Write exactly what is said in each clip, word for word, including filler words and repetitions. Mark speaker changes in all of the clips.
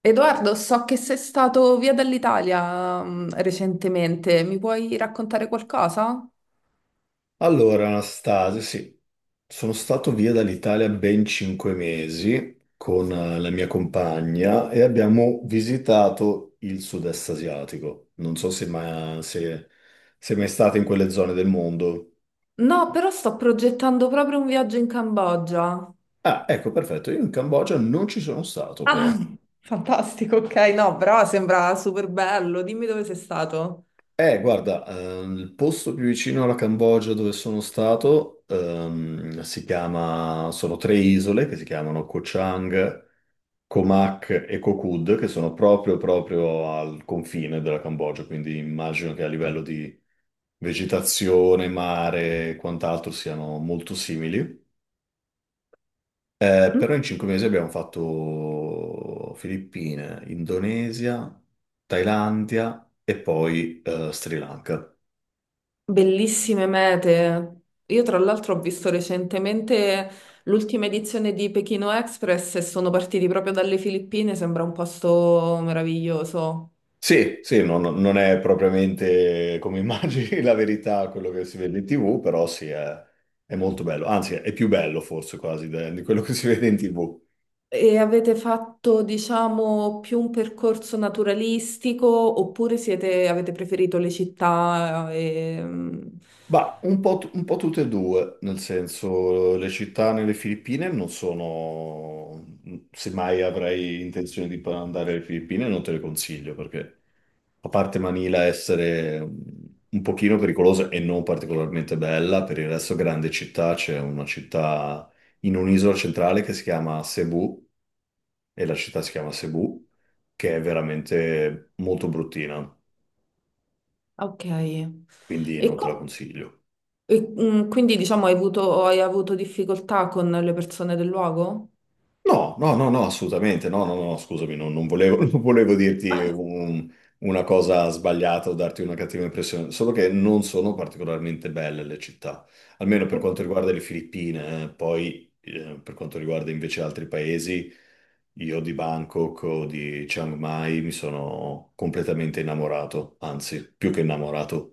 Speaker 1: Edoardo, so che sei stato via dall'Italia, mm, recentemente, mi puoi raccontare qualcosa?
Speaker 2: Allora, Anastasia, sì, sono stato via dall'Italia ben cinque mesi con eh, la mia compagna e abbiamo visitato il sud-est asiatico. Non so se, ma, se sei mai stata in quelle zone del mondo.
Speaker 1: No, però sto progettando proprio un viaggio in Cambogia.
Speaker 2: Ah, ecco, perfetto, io in Cambogia non ci sono stato
Speaker 1: Ah,
Speaker 2: però.
Speaker 1: fantastico, ok, no, però sembra super bello. Dimmi dove sei stato.
Speaker 2: Eh, guarda, ehm, il posto più vicino alla Cambogia dove sono stato ehm, si chiama, sono tre isole che si chiamano Koh Chang. Comac e Kokud, che sono proprio, proprio al confine della Cambogia, quindi immagino che a livello di vegetazione, mare e quant'altro siano molto simili. Eh,
Speaker 1: Mm.
Speaker 2: però in cinque mesi abbiamo fatto Filippine, Indonesia, Thailandia e poi eh, Sri Lanka.
Speaker 1: Bellissime mete. Io tra l'altro ho visto recentemente l'ultima edizione di Pechino Express e sono partiti proprio dalle Filippine, sembra un posto meraviglioso.
Speaker 2: Sì, sì, non, non è propriamente come immagini la verità quello che si vede in tivù, però sì, è, è molto bello, anzi è più bello forse quasi de- di quello che si vede in tivù.
Speaker 1: E avete fatto, diciamo, più un percorso naturalistico oppure siete- avete preferito le città? E...
Speaker 2: Ma un po', t- un po' tutte e due, nel senso le città nelle Filippine non sono, se mai avrei intenzione di andare alle Filippine non te le consiglio perché a parte Manila essere un pochino pericolosa e non particolarmente bella, per il resto grande città, c'è una città in un'isola centrale che si chiama Cebu, e la città si chiama Cebu, che è veramente molto bruttina,
Speaker 1: Ok.
Speaker 2: quindi
Speaker 1: E,
Speaker 2: non te la
Speaker 1: co-
Speaker 2: consiglio.
Speaker 1: e, mm, quindi, diciamo, hai avuto, hai avuto difficoltà con le persone del luogo?
Speaker 2: No, no, no, no, assolutamente, no, no, no, scusami, non, non volevo, non volevo dirti un- una cosa sbagliata o darti una cattiva impressione, solo che non sono particolarmente belle le città, almeno per
Speaker 1: Oh.
Speaker 2: quanto riguarda le Filippine, eh. Poi eh, per quanto riguarda invece altri paesi, io di Bangkok o di Chiang Mai mi sono completamente innamorato, anzi, più che innamorato.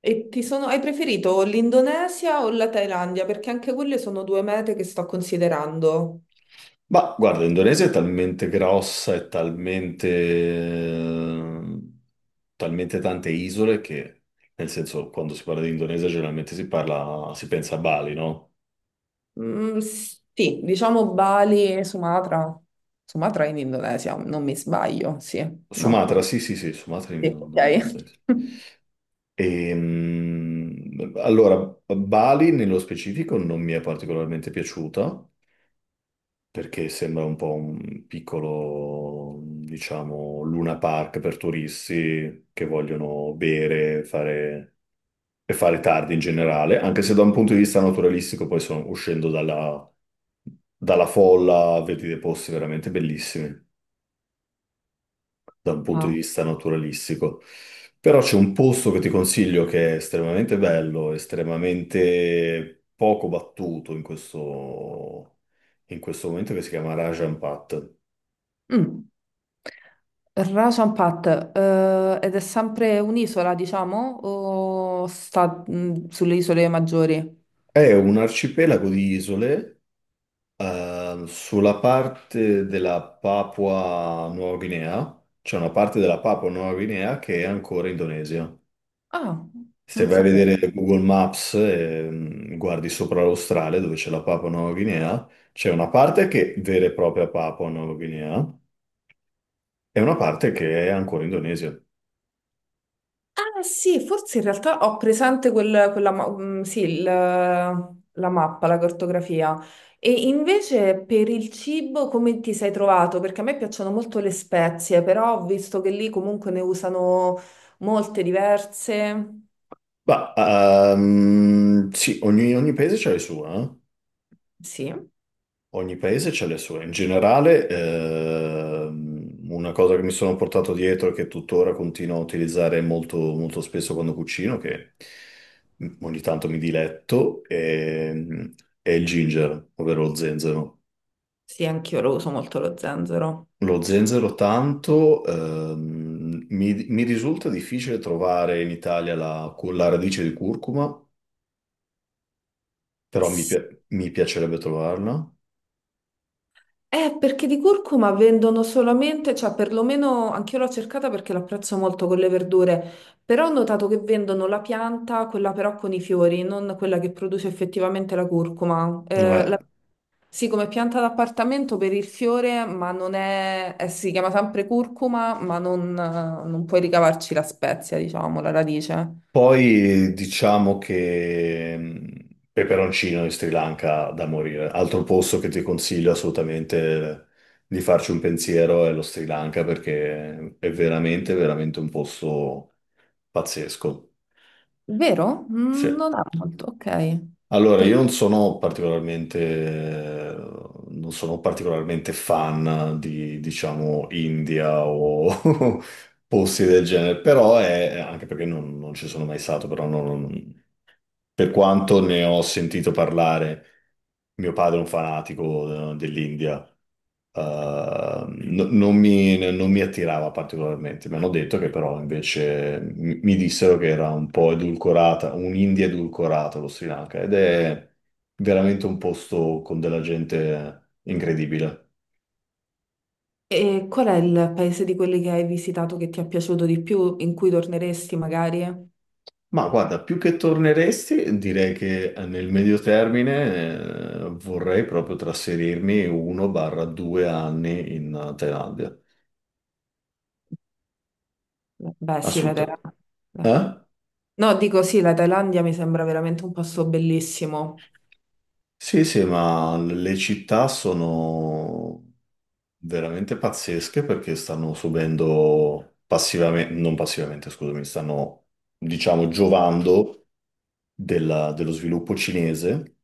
Speaker 1: E ti sono, hai preferito l'Indonesia o la Thailandia? Perché anche quelle sono due mete che sto considerando.
Speaker 2: Ma guarda, l'Indonesia è talmente grossa e talmente, eh, talmente tante isole che, nel senso, quando si parla di Indonesia generalmente si parla, si pensa a Bali, no?
Speaker 1: Mm, sì, diciamo Bali e Sumatra. Sumatra in Indonesia, non mi sbaglio, sì, no.
Speaker 2: Sumatra, sì, sì, sì, Sumatra è in
Speaker 1: Sì, ok.
Speaker 2: in Indonesia. Ehm, allora, Bali nello specifico non mi è particolarmente piaciuta perché sembra un po' un piccolo, diciamo, Luna Park per turisti che vogliono bere, fare e fare tardi in generale, anche se da un punto di vista naturalistico poi sono uscendo dalla, dalla folla, vedi dei posti veramente bellissimi da un punto di
Speaker 1: Ah.
Speaker 2: vista naturalistico. Però c'è un posto che ti consiglio che è estremamente bello, estremamente poco battuto in questo, in questo momento, che si chiama Rajan Pat.
Speaker 1: Mm. Rajan Pat, eh, ed è sempre un'isola, diciamo, o sta mm, sulle isole maggiori?
Speaker 2: È un arcipelago di isole. Eh, sulla parte della Papua Nuova Guinea, c'è una parte della Papua Nuova Guinea che è ancora Indonesia.
Speaker 1: Ah,
Speaker 2: Se
Speaker 1: non
Speaker 2: vai a
Speaker 1: sapevo.
Speaker 2: vedere Google Maps e mm, guardi sopra l'Australia dove c'è la Papua Nuova Guinea, c'è una parte che è vera e propria Papua Nuova Guinea e una parte che è ancora Indonesia.
Speaker 1: Ah sì, forse in realtà ho presente quel- quella, ma- mm, sì, il- la mappa, la cartografia. E invece per il cibo come ti sei trovato? Perché a me piacciono molto le spezie, però ho visto che lì comunque ne usano molte diverse.
Speaker 2: Ma ehm, sì, ogni, ogni paese c'ha il suo, eh?
Speaker 1: Sì,
Speaker 2: Ogni paese ha le sue. In generale, ehm, una cosa che mi sono portato dietro e che tuttora continuo a utilizzare molto, molto spesso quando cucino, che ogni tanto mi diletto, è, è il ginger, ovvero lo zenzero.
Speaker 1: sì, anch'io lo uso molto lo zenzero.
Speaker 2: Lo zenzero tanto, ehm, mi, mi risulta difficile trovare in Italia la, la radice di curcuma, però mi, pia- mi piacerebbe trovarla.
Speaker 1: Eh, perché di curcuma vendono solamente, cioè perlomeno anch'io l'ho cercata perché l'apprezzo molto con le verdure, però ho notato che vendono la pianta, quella però con i fiori, non quella che produce effettivamente la curcuma. Eh,
Speaker 2: Eh,
Speaker 1: la- sì, come pianta d'appartamento per il fiore, ma non è, eh, si chiama sempre curcuma, ma non, non puoi ricavarci la spezia, diciamo, la radice.
Speaker 2: Poi diciamo che mh, peperoncino in Sri Lanka da morire. Altro posto che ti consiglio assolutamente di farci un pensiero è lo Sri Lanka perché è veramente, veramente un posto pazzesco.
Speaker 1: Vero?
Speaker 2: Sì.
Speaker 1: Mm. Non ha molto, ok.
Speaker 2: Allora, io
Speaker 1: Perché
Speaker 2: non sono particolarmente, non sono particolarmente fan di, diciamo, India o posti del genere, però è, anche perché non, non ci sono mai stato, però non, per quanto ne ho sentito parlare, mio padre è un fanatico eh, dell'India, eh, no- non mi, non mi attirava particolarmente. Mi hanno detto che però invece mi, mi dissero che era un po' edulcorata, un'India edulcorata lo Sri Lanka ed è veramente un posto con della gente incredibile.
Speaker 1: e qual è il paese di quelli che hai visitato che ti è piaciuto di più, in cui torneresti magari?
Speaker 2: Ma guarda, più che torneresti, direi che nel medio termine, eh, vorrei proprio trasferirmi un barra due anni in Thailandia.
Speaker 1: Beh, sì, la
Speaker 2: Assolutamente.
Speaker 1: Thailandia.
Speaker 2: Eh?
Speaker 1: No, dico sì, la Thailandia mi sembra veramente un posto bellissimo.
Speaker 2: Sì, sì, ma le città sono veramente pazzesche perché stanno subendo passivamente, non passivamente, scusami, stanno, diciamo, giovando della- dello sviluppo cinese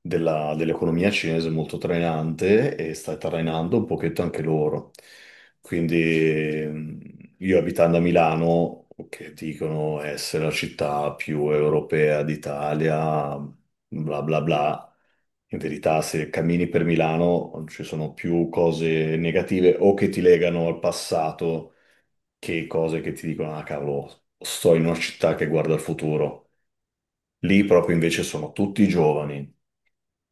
Speaker 2: della- dell'economia cinese molto trainante e sta trainando un pochetto anche loro. Quindi ehm, io abitando a Milano, che dicono essere la città più europea d'Italia, bla bla bla. In verità, se cammini per Milano ci sono più cose negative o che ti legano al passato che cose che ti dicono, ah cavolo, sto in una città che guarda al futuro. Lì proprio invece sono tutti giovani,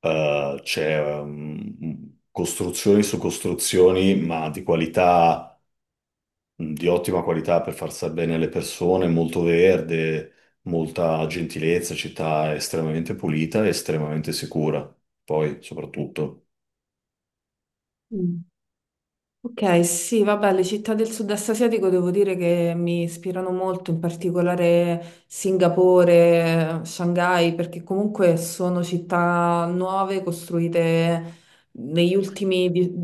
Speaker 2: eh, c'è ehm, costruzioni su costruzioni, ma di qualità, mm, di ottima qualità per far stare bene le persone, molto verde, molta gentilezza, città estremamente pulita e estremamente sicura, poi soprattutto.
Speaker 1: Mm. Ok, sì, vabbè, le città del sud-est asiatico devo dire che mi ispirano molto, in particolare Singapore, Shanghai, perché comunque sono città nuove costruite negli ultimi di-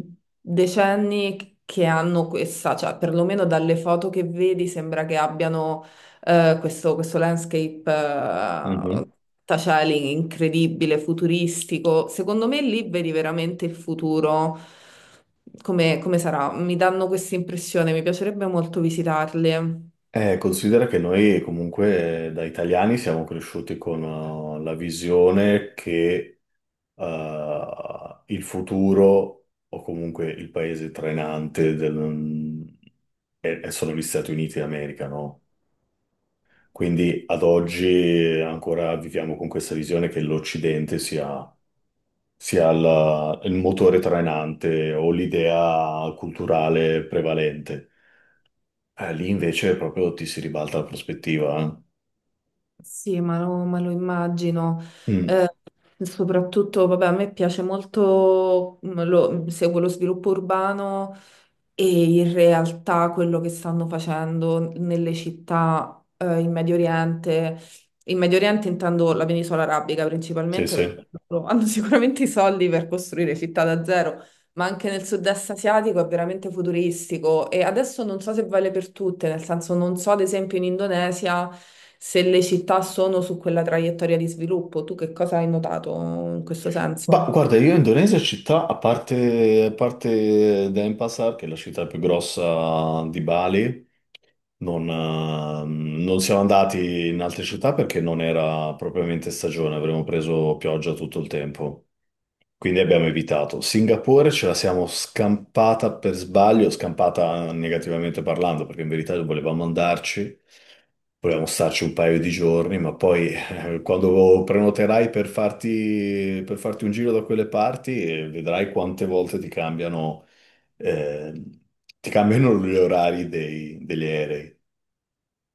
Speaker 1: decenni che hanno questa, cioè perlomeno dalle foto che vedi sembra che abbiano eh, questo, questo landscape eh,
Speaker 2: Mhm.
Speaker 1: taciali incredibile, futuristico. Secondo me lì vedi veramente il futuro come, come sarà. Mi danno questa impressione, mi piacerebbe molto visitarli.
Speaker 2: Eh, considera che noi comunque eh, da italiani siamo cresciuti con eh, la visione che eh, il futuro o comunque il paese trainante del- e- e sono gli Stati Uniti d'America, no? Quindi ad oggi ancora viviamo con questa visione che l'Occidente sia, sia il, il motore trainante o l'idea culturale prevalente. Eh, lì invece proprio ti si ribalta la prospettiva.
Speaker 1: Sì, ma lo, ma lo immagino. Mm.
Speaker 2: Eh. Mm,
Speaker 1: Eh, soprattutto, vabbè, a me piace molto, mm, lo- seguo lo sviluppo urbano e in realtà quello che stanno facendo nelle città, eh, in Medio Oriente. In Medio Oriente intendo la penisola arabica
Speaker 2: sì,
Speaker 1: principalmente perché
Speaker 2: sì.
Speaker 1: loro hanno sicuramente i soldi per costruire città da zero. Ma anche nel sud-est asiatico è veramente futuristico e adesso non so se vale per tutte, nel senso non so ad esempio in Indonesia se le città sono su quella traiettoria di sviluppo. Tu che cosa hai notato in questo
Speaker 2: Ma
Speaker 1: senso?
Speaker 2: guarda, io in Indonesia città, a parte, a parte Denpasar, che è la città più grossa di Bali, non, ehm, non siamo andati in altre città perché non era propriamente stagione, avremmo preso pioggia tutto il tempo. Quindi abbiamo evitato. Singapore ce la siamo scampata per sbaglio, scampata negativamente parlando, perché in verità volevamo andarci, volevamo starci un paio di giorni, ma poi eh, quando prenoterai per farti, per farti, un giro da quelle parti, eh, vedrai quante volte ti cambiano, eh, ti cambiano gli orari dei- degli aerei.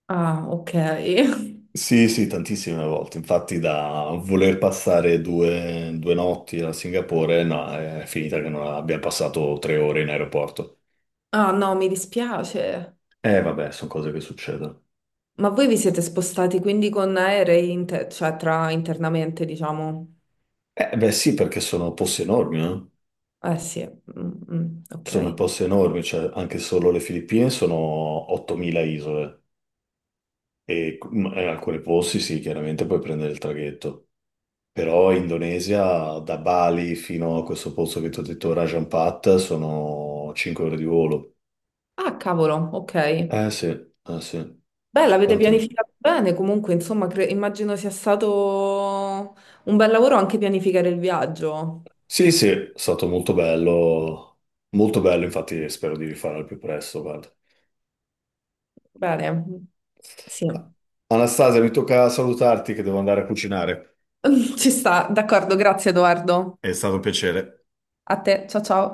Speaker 1: Ah, ok.
Speaker 2: Sì, sì, tantissime volte. Infatti, da voler passare due, due notti a Singapore, no, è finita che non abbia passato tre ore in aeroporto.
Speaker 1: Ah, no, mi dispiace.
Speaker 2: Eh, vabbè, sono cose che succedono.
Speaker 1: Ma voi vi siete spostati quindi con aerei, inter- cioè tra internamente, diciamo?
Speaker 2: Eh, beh, sì, perché sono posti enormi, eh.
Speaker 1: Eh sì. Mm, mm,
Speaker 2: Sono
Speaker 1: ok.
Speaker 2: posti enormi, cioè anche solo le Filippine sono ottomila isole e in alcuni posti sì, chiaramente puoi prendere il traghetto. Però Indonesia, da Bali fino a questo posto che ti ho detto, Rajan Pat, sono cinque ore di volo.
Speaker 1: Ah, cavolo, ok.
Speaker 2: Eh sì, eh sì.
Speaker 1: Beh, l'avete
Speaker 2: Dante.
Speaker 1: pianificato bene, comunque, insomma, cre- immagino sia stato un bel lavoro anche pianificare il viaggio.
Speaker 2: Sì, sì, è stato molto bello, molto bello, infatti spero di rifarlo al più presto, guarda.
Speaker 1: Bene, sì,
Speaker 2: Anastasia, mi tocca salutarti che devo andare a cucinare.
Speaker 1: ci sta, d'accordo, grazie Edoardo.
Speaker 2: È stato un piacere.
Speaker 1: A te, ciao ciao.